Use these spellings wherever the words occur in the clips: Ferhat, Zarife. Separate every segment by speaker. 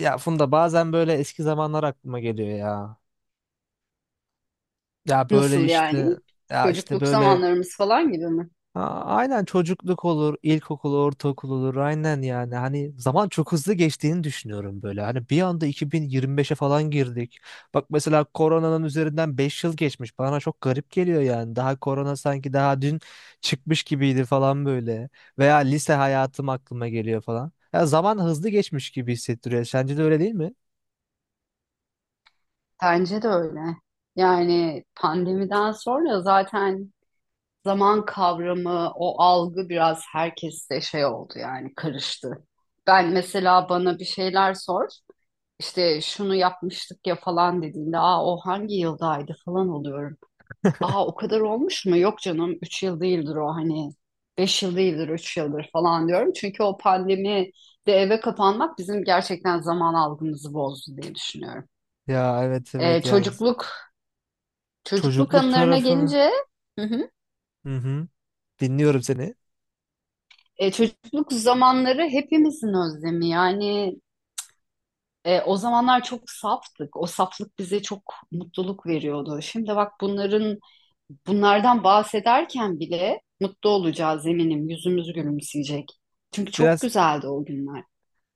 Speaker 1: Ya Funda bazen böyle eski zamanlar aklıma geliyor ya. Ya böyle
Speaker 2: Nasıl yani?
Speaker 1: işte. Ya işte
Speaker 2: Çocukluk
Speaker 1: böyle.
Speaker 2: zamanlarımız falan gibi mi?
Speaker 1: Aynen, çocukluk olur, ilkokul, ortaokul olur aynen yani. Hani zaman çok hızlı geçtiğini düşünüyorum böyle. Hani bir anda 2025'e falan girdik. Bak mesela koronanın üzerinden 5 yıl geçmiş. Bana çok garip geliyor yani. Daha korona sanki daha dün çıkmış gibiydi falan böyle. Veya lise hayatım aklıma geliyor falan. Ya zaman hızlı geçmiş gibi hissettiriyor. Sence de öyle değil mi?
Speaker 2: Bence de öyle. Yani pandemiden sonra zaten zaman kavramı, o algı biraz herkeste şey oldu yani karıştı. Ben mesela bana bir şeyler sor, işte şunu yapmıştık ya falan dediğinde, aa o hangi yıldaydı falan oluyorum. Aa o kadar olmuş mu? Yok canım 3 yıl değildir o hani 5 yıl değildir 3 yıldır falan diyorum. Çünkü o pandemi de eve kapanmak bizim gerçekten zaman algımızı bozdu diye düşünüyorum.
Speaker 1: Ya, evet,
Speaker 2: Ee,
Speaker 1: evet yani
Speaker 2: çocukluk çocukluk
Speaker 1: çocukluk
Speaker 2: anılarına
Speaker 1: tarafını.
Speaker 2: gelince. Hı hı.
Speaker 1: Hı hı. Dinliyorum seni.
Speaker 2: Çocukluk zamanları hepimizin özlemi. Yani o zamanlar çok saftık. O saflık bize çok mutluluk veriyordu. Şimdi bak bunlardan bahsederken bile mutlu olacağız eminim. Yüzümüz gülümseyecek. Çünkü çok
Speaker 1: Biraz
Speaker 2: güzeldi o günler.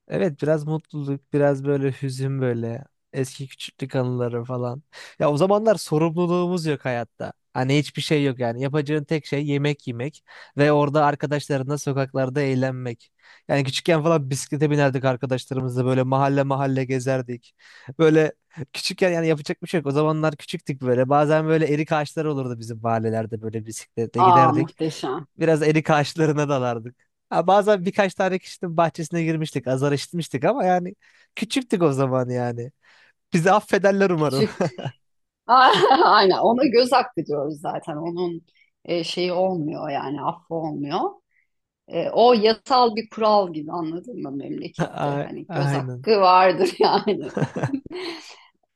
Speaker 1: Evet, biraz mutluluk, biraz böyle hüzün böyle. Eski küçüklük anıları falan. Ya o zamanlar sorumluluğumuz yok hayatta. Hani hiçbir şey yok yani. Yapacağın tek şey yemek yemek ve orada arkadaşlarınla sokaklarda eğlenmek. Yani küçükken falan bisiklete binerdik arkadaşlarımızla böyle mahalle mahalle gezerdik. Böyle küçükken yani yapacak bir şey yok. O zamanlar küçüktük böyle. Bazen böyle erik ağaçları olurdu bizim mahallelerde böyle bisikletle
Speaker 2: Aa,
Speaker 1: giderdik.
Speaker 2: muhteşem.
Speaker 1: Biraz erik ağaçlarına dalardık. Ha, bazen birkaç tane kişinin bahçesine girmiştik. Azar işitmiştik ama yani küçüktük o zaman yani. Bizi affederler umarım.
Speaker 2: Küçük. Aynen, ona göz hakkı diyoruz zaten. Onun şeyi olmuyor yani affı olmuyor. O yasal bir kural gibi, anladın mı, memlekette? Hani göz
Speaker 1: Aynen.
Speaker 2: hakkı vardır yani.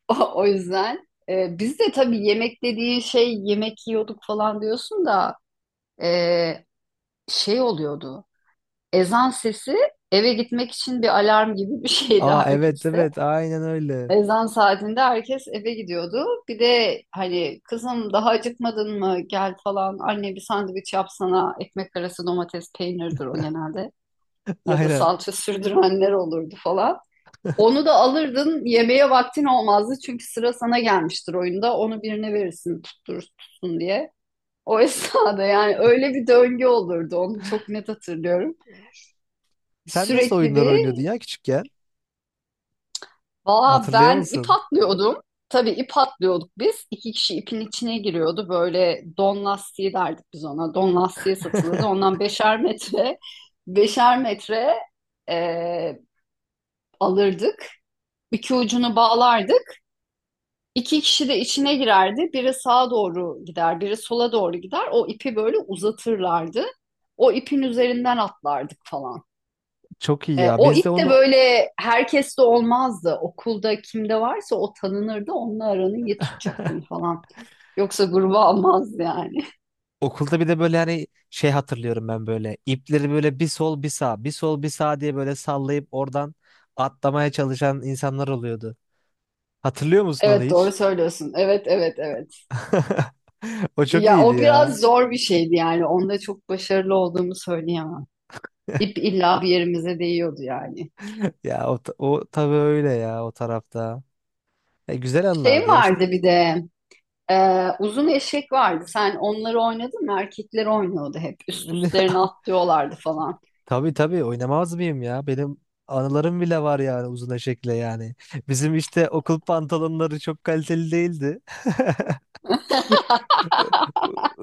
Speaker 2: O yüzden biz de tabii yemek dediğin şey yemek yiyorduk falan diyorsun da e, şey oluyordu. Ezan sesi, eve gitmek için bir alarm gibi bir şeydi
Speaker 1: Aa, evet,
Speaker 2: herkeste.
Speaker 1: evet, aynen öyle.
Speaker 2: Ezan saatinde herkes eve gidiyordu. Bir de hani, kızım daha acıkmadın mı, gel falan. Anne bir sandviç yapsana. Ekmek arası domates peynirdir o genelde, ya da
Speaker 1: Aynen.
Speaker 2: salça sürdürenler olurdu falan. Onu da alırdın, yemeğe vaktin olmazdı çünkü sıra sana gelmiştir oyunda, onu birine verirsin tutturur tutsun diye. O esnada yani. Öyle bir döngü olurdu, onu çok net hatırlıyorum.
Speaker 1: Sen nasıl
Speaker 2: Sürekli
Speaker 1: oyunlar oynuyordun
Speaker 2: bir
Speaker 1: ya küçükken?
Speaker 2: Valla
Speaker 1: Hatırlıyor
Speaker 2: ben ip
Speaker 1: musun?
Speaker 2: atlıyordum. Tabii, ip atlıyorduk biz. İki kişi ipin içine giriyordu. Böyle don lastiği derdik biz ona. Don lastiği satılırdı. Ondan beşer metre, beşer metre e, alırdık. İki ucunu bağlardık. İki kişi de içine girerdi. Biri sağa doğru gider, biri sola doğru gider. O ipi böyle uzatırlardı. O ipin üzerinden atlardık falan.
Speaker 1: Çok iyi ya.
Speaker 2: O
Speaker 1: Biz de
Speaker 2: ip de
Speaker 1: onu
Speaker 2: böyle herkeste olmazdı. Okulda kimde varsa o tanınırdı. Onunla aranı iyi tutacaktın falan. Yoksa gruba almaz yani.
Speaker 1: okulda bir de böyle hani şey hatırlıyorum ben böyle. İpleri böyle bir sol bir sağ, bir sol bir sağ diye böyle sallayıp oradan atlamaya çalışan insanlar oluyordu. Hatırlıyor musun onu
Speaker 2: Evet, doğru
Speaker 1: hiç?
Speaker 2: söylüyorsun. Evet, evet, evet.
Speaker 1: O çok
Speaker 2: Ya
Speaker 1: iyiydi
Speaker 2: o
Speaker 1: ya.
Speaker 2: biraz zor bir şeydi yani. Onda çok başarılı olduğumu söyleyemem. İp illa bir yerimize değiyordu yani.
Speaker 1: Ya o, o tabii öyle ya o tarafta. E, güzel
Speaker 2: Şey
Speaker 1: anlardı ya. İşte-
Speaker 2: vardı bir de, uzun eşek vardı. Sen onları oynadın mı? Erkekler oynuyordu hep. Üst üstlerine atlıyorlardı falan.
Speaker 1: Tabii, tabii, oynamaz mıyım ya? Benim anılarım bile var yani uzun eşekle yani. Bizim işte okul pantolonları çok kaliteli değildi.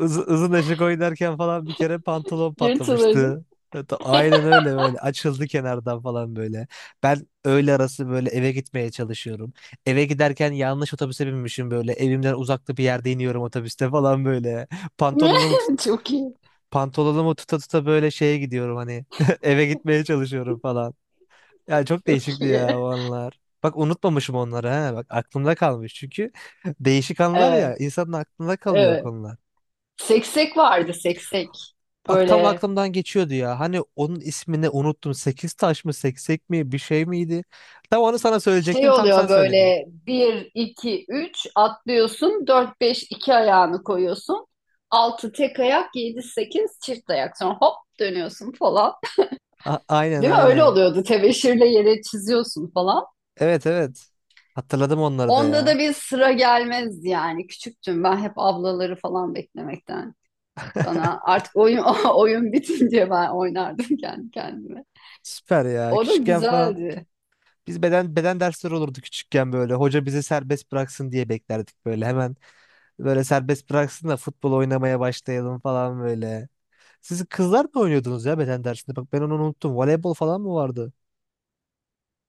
Speaker 1: Izın eşek oynarken falan bir kere pantolon
Speaker 2: Yırtılırdı.
Speaker 1: patlamıştı. Hatta aynen öyle, böyle açıldı kenardan falan böyle. Ben öğle arası böyle eve gitmeye çalışıyorum. Eve giderken yanlış otobüse binmişim böyle. Evimden uzakta bir yerde iniyorum otobüste falan böyle. Pantolonumu tut
Speaker 2: Çok iyi.
Speaker 1: Pantolonumu tuta tuta böyle şeye gidiyorum hani. Eve gitmeye çalışıyorum falan. Yani çok
Speaker 2: Çok
Speaker 1: değişikti ya o
Speaker 2: iyi.
Speaker 1: anlar. Bak unutmamışım onları ha. Bak aklımda kalmış çünkü değişik anlar ya,
Speaker 2: Evet,
Speaker 1: insanın aklında kalıyor o
Speaker 2: evet.
Speaker 1: konular.
Speaker 2: Seksek vardı, seksek.
Speaker 1: Bak tam
Speaker 2: Böyle
Speaker 1: aklımdan geçiyordu ya. Hani onun ismini unuttum. Sekiz taş mı, seksek mi, bir şey miydi? Tam onu sana
Speaker 2: şey
Speaker 1: söyleyecektim. Tam sen
Speaker 2: oluyor,
Speaker 1: söyledin.
Speaker 2: böyle bir, iki, üç atlıyorsun. Dört, beş, iki ayağını koyuyorsun. Altı tek ayak, yedi, sekiz çift ayak. Sonra hop, dönüyorsun falan.
Speaker 1: A- aynen,
Speaker 2: Değil mi? Öyle
Speaker 1: aynen.
Speaker 2: oluyordu. Tebeşirle yere çiziyorsun falan.
Speaker 1: Evet, evet. Hatırladım onları da
Speaker 2: Onda
Speaker 1: ya.
Speaker 2: da bir sıra gelmez yani. Küçüktüm ben, hep ablaları falan beklemekten. Bana artık oyun oyun bitince ben oynardım kendi kendime.
Speaker 1: Süper ya.
Speaker 2: O da
Speaker 1: Küçükken falan
Speaker 2: güzeldi.
Speaker 1: biz beden dersleri olurdu küçükken böyle. Hoca bizi serbest bıraksın diye beklerdik böyle. Hemen böyle serbest bıraksın da futbol oynamaya başlayalım falan böyle. Siz kızlar mı oynuyordunuz ya beden dersinde? Bak ben onu unuttum. Voleybol falan mı vardı?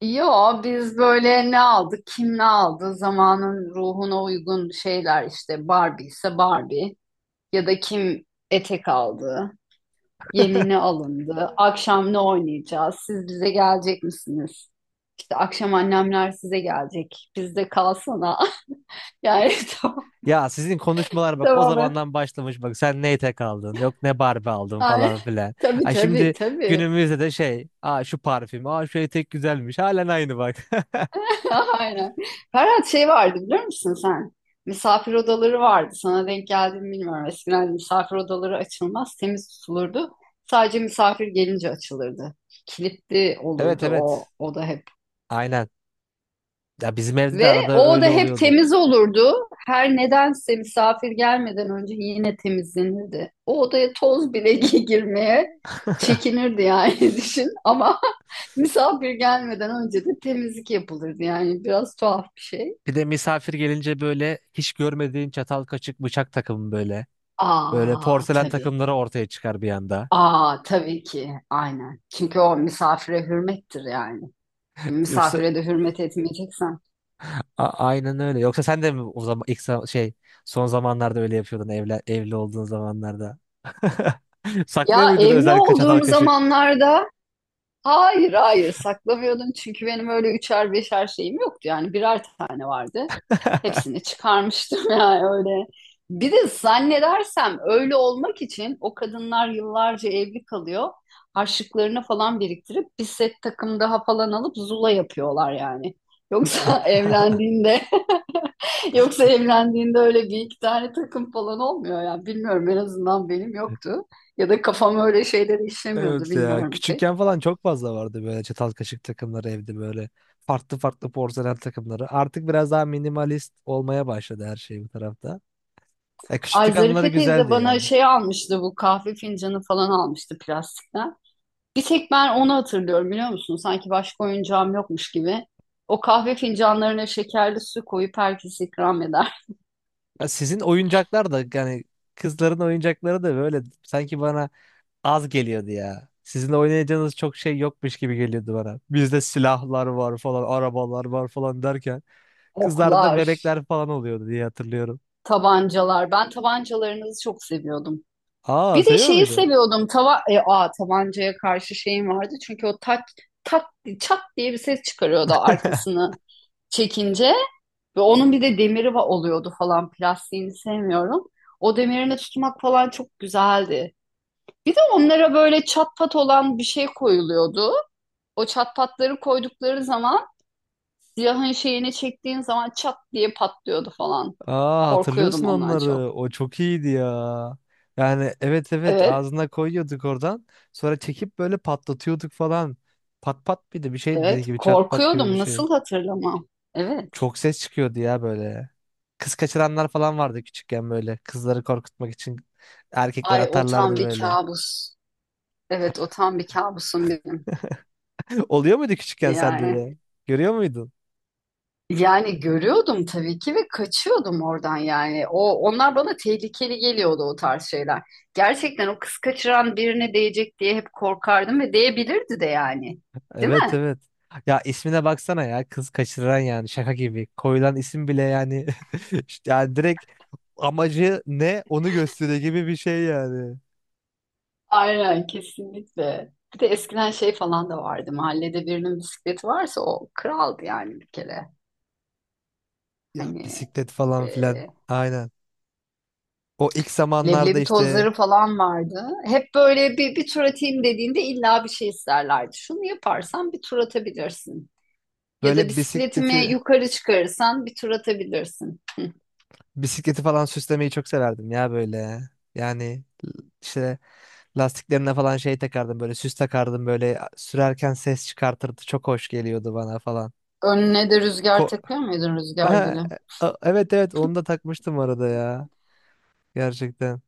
Speaker 2: Yo, biz böyle ne aldık, kim ne aldı, zamanın ruhuna uygun şeyler işte. Barbie ise Barbie, ya da kim etek aldı, yeni ne alındı, akşam ne oynayacağız, siz bize gelecek misiniz? İşte akşam annemler size gelecek, bizde kalsana. Yani. Tamam,
Speaker 1: Ya sizin konuşmalar bak o
Speaker 2: tamam
Speaker 1: zamandan başlamış, bak sen ne etek aldın, yok ne Barbie aldın
Speaker 2: yani,
Speaker 1: falan filan.
Speaker 2: tabii,
Speaker 1: Ay
Speaker 2: tabii,
Speaker 1: şimdi
Speaker 2: tabii.
Speaker 1: günümüzde de şey, aa şu parfüm, aa şu etek güzelmiş, halen aynı bak.
Speaker 2: Aynen. Ferhat, şey vardı biliyor musun sen? Misafir odaları vardı. Sana denk geldi mi bilmiyorum. Eskiden misafir odaları açılmaz, temiz tutulurdu. Sadece misafir gelince açılırdı. Kilitli
Speaker 1: Evet,
Speaker 2: olurdu
Speaker 1: evet,
Speaker 2: o oda hep.
Speaker 1: aynen. Ya bizim evde de
Speaker 2: Ve
Speaker 1: arada
Speaker 2: o oda
Speaker 1: öyle
Speaker 2: hep
Speaker 1: oluyordu.
Speaker 2: temiz olurdu. Her nedense misafir gelmeden önce yine temizlenirdi. O odaya toz bile girmeye çekinirdi yani, düşün. Ama misafir gelmeden önce de temizlik yapılırdı. Yani biraz tuhaf bir şey.
Speaker 1: Bir de misafir gelince böyle hiç görmediğin çatal kaşık bıçak takımı böyle. Böyle
Speaker 2: Aa,
Speaker 1: porselen
Speaker 2: tabii.
Speaker 1: takımları ortaya çıkar bir anda.
Speaker 2: Aa, tabii ki. Aynen. Çünkü o misafire hürmettir yani.
Speaker 1: Yoksa
Speaker 2: Misafire de hürmet etmeyeceksen.
Speaker 1: A- aynen öyle. Yoksa sen de mi o zaman ilk şey, son zamanlarda öyle yapıyordun evli olduğun zamanlarda? Saklıyor
Speaker 2: Ya,
Speaker 1: muydun
Speaker 2: evli
Speaker 1: özellikle çatal
Speaker 2: olduğum
Speaker 1: kaşık?
Speaker 2: zamanlarda hayır, hayır, saklamıyordum. Çünkü benim öyle üçer beşer şeyim yoktu. Yani birer tane vardı. Hepsini çıkarmıştım yani, öyle. Bir de zannedersem öyle olmak için o kadınlar yıllarca evli kalıyor. Harçlıklarını falan biriktirip bir set takım daha falan alıp zula yapıyorlar yani. Yoksa evlendiğinde yoksa evlendiğinde öyle bir iki tane takım falan olmuyor yani. Bilmiyorum, en azından benim yoktu. Ya da kafam öyle şeyleri işlemiyordu,
Speaker 1: Evet ya.
Speaker 2: bilmiyorum pek.
Speaker 1: Küçükken falan çok fazla vardı böyle çatal kaşık takımları evde böyle. Farklı farklı porselen takımları. Artık biraz daha minimalist olmaya başladı her şey bu tarafta. Ya
Speaker 2: Ay,
Speaker 1: küçüklük anıları
Speaker 2: Zarife teyze
Speaker 1: güzeldi
Speaker 2: bana
Speaker 1: ya.
Speaker 2: şey almıştı, bu kahve fincanı falan almıştı, plastikten. Bir tek ben onu hatırlıyorum biliyor musun? Sanki başka oyuncağım yokmuş gibi. O kahve fincanlarına şekerli su koyup herkes ikram eder.
Speaker 1: Ya sizin oyuncaklar da yani kızların oyuncakları da böyle sanki bana az geliyordu ya. Sizin oynayacağınız çok şey yokmuş gibi geliyordu bana. Bizde silahlar var falan, arabalar var falan derken kızlarda da
Speaker 2: Oklar,
Speaker 1: bebekler falan oluyordu diye hatırlıyorum.
Speaker 2: tabancalar. Ben tabancalarınızı çok seviyordum.
Speaker 1: Aa,
Speaker 2: Bir de
Speaker 1: seviyor
Speaker 2: şeyi
Speaker 1: muydun?
Speaker 2: seviyordum. Tabancaya karşı şeyim vardı. Çünkü o tak, tak, çat diye bir ses çıkarıyordu arkasını çekince. Ve onun bir de demiri oluyordu falan. Plastiğini sevmiyorum. O demirine tutmak falan çok güzeldi. Bir de onlara böyle çat pat olan bir şey koyuluyordu. O çat patları koydukları zaman, silahın şeyini çektiğin zaman, çat diye patlıyordu falan.
Speaker 1: Aa,
Speaker 2: Korkuyordum
Speaker 1: hatırlıyorsun
Speaker 2: ondan
Speaker 1: onları.
Speaker 2: çok.
Speaker 1: O çok iyiydi ya. Yani, evet, evet,
Speaker 2: Evet,
Speaker 1: ağzına koyuyorduk oradan. Sonra çekip böyle patlatıyorduk falan. Pat pat, bir de bir şey dediği
Speaker 2: evet.
Speaker 1: gibi çat pat gibi bir
Speaker 2: Korkuyordum.
Speaker 1: şey.
Speaker 2: Nasıl hatırlamam? Evet.
Speaker 1: Çok ses çıkıyordu ya böyle. Kız kaçıranlar falan vardı küçükken böyle. Kızları korkutmak için erkekler
Speaker 2: Ay, o tam
Speaker 1: atarlardı
Speaker 2: bir
Speaker 1: böyle.
Speaker 2: kabus. Evet, o tam bir kabusum benim.
Speaker 1: Oluyor muydu küçükken sende de?
Speaker 2: Yani
Speaker 1: Görüyor muydun?
Speaker 2: Yani görüyordum tabii ki, ve kaçıyordum oradan yani. Onlar bana tehlikeli geliyordu, o tarz şeyler. Gerçekten o kız kaçıran birine değecek diye hep korkardım, ve değebilirdi de yani. Değil
Speaker 1: Evet,
Speaker 2: mi?
Speaker 1: evet. Ya ismine baksana ya, kız kaçıran, yani şaka gibi. Koyulan isim bile yani işte yani direkt amacı ne onu gösteriyor gibi bir şey yani.
Speaker 2: Aynen, kesinlikle. Bir de eskiden şey falan da vardı. Mahallede birinin bisikleti varsa o kraldı yani, bir kere.
Speaker 1: Ya
Speaker 2: Hani
Speaker 1: bisiklet falan filan.
Speaker 2: e,
Speaker 1: Aynen. O ilk zamanlarda
Speaker 2: leblebi
Speaker 1: işte
Speaker 2: tozları falan vardı. Hep böyle bir tur atayım dediğinde illa bir şey isterlerdi. Şunu yaparsan bir tur atabilirsin. Ya da
Speaker 1: böyle
Speaker 2: bisikletimi
Speaker 1: bisikleti
Speaker 2: yukarı çıkarırsan bir tur atabilirsin.
Speaker 1: Bisikleti falan süslemeyi çok severdim ya böyle. Yani işte lastiklerine falan şey takardım, böyle süs takardım, böyle sürerken ses çıkartırdı. Çok hoş geliyordu bana falan.
Speaker 2: Önüne de rüzgar
Speaker 1: Ko
Speaker 2: takıyor muydun, rüzgar
Speaker 1: Ha,
Speaker 2: gülü?
Speaker 1: evet, evet, onu da takmıştım arada ya. Gerçekten.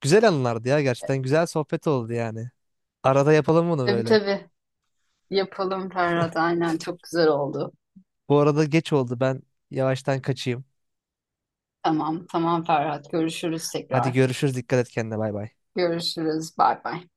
Speaker 1: Güzel anılardı ya gerçekten. Güzel sohbet oldu yani. Arada yapalım bunu
Speaker 2: Tabii,
Speaker 1: böyle.
Speaker 2: tabii. Yapalım Ferhat. Aynen, çok güzel oldu.
Speaker 1: Bu arada geç oldu, ben yavaştan kaçayım.
Speaker 2: Tamam, tamam Ferhat. Görüşürüz
Speaker 1: Hadi
Speaker 2: tekrar.
Speaker 1: görüşürüz, dikkat et kendine, bay bay.
Speaker 2: Görüşürüz. Bay bay.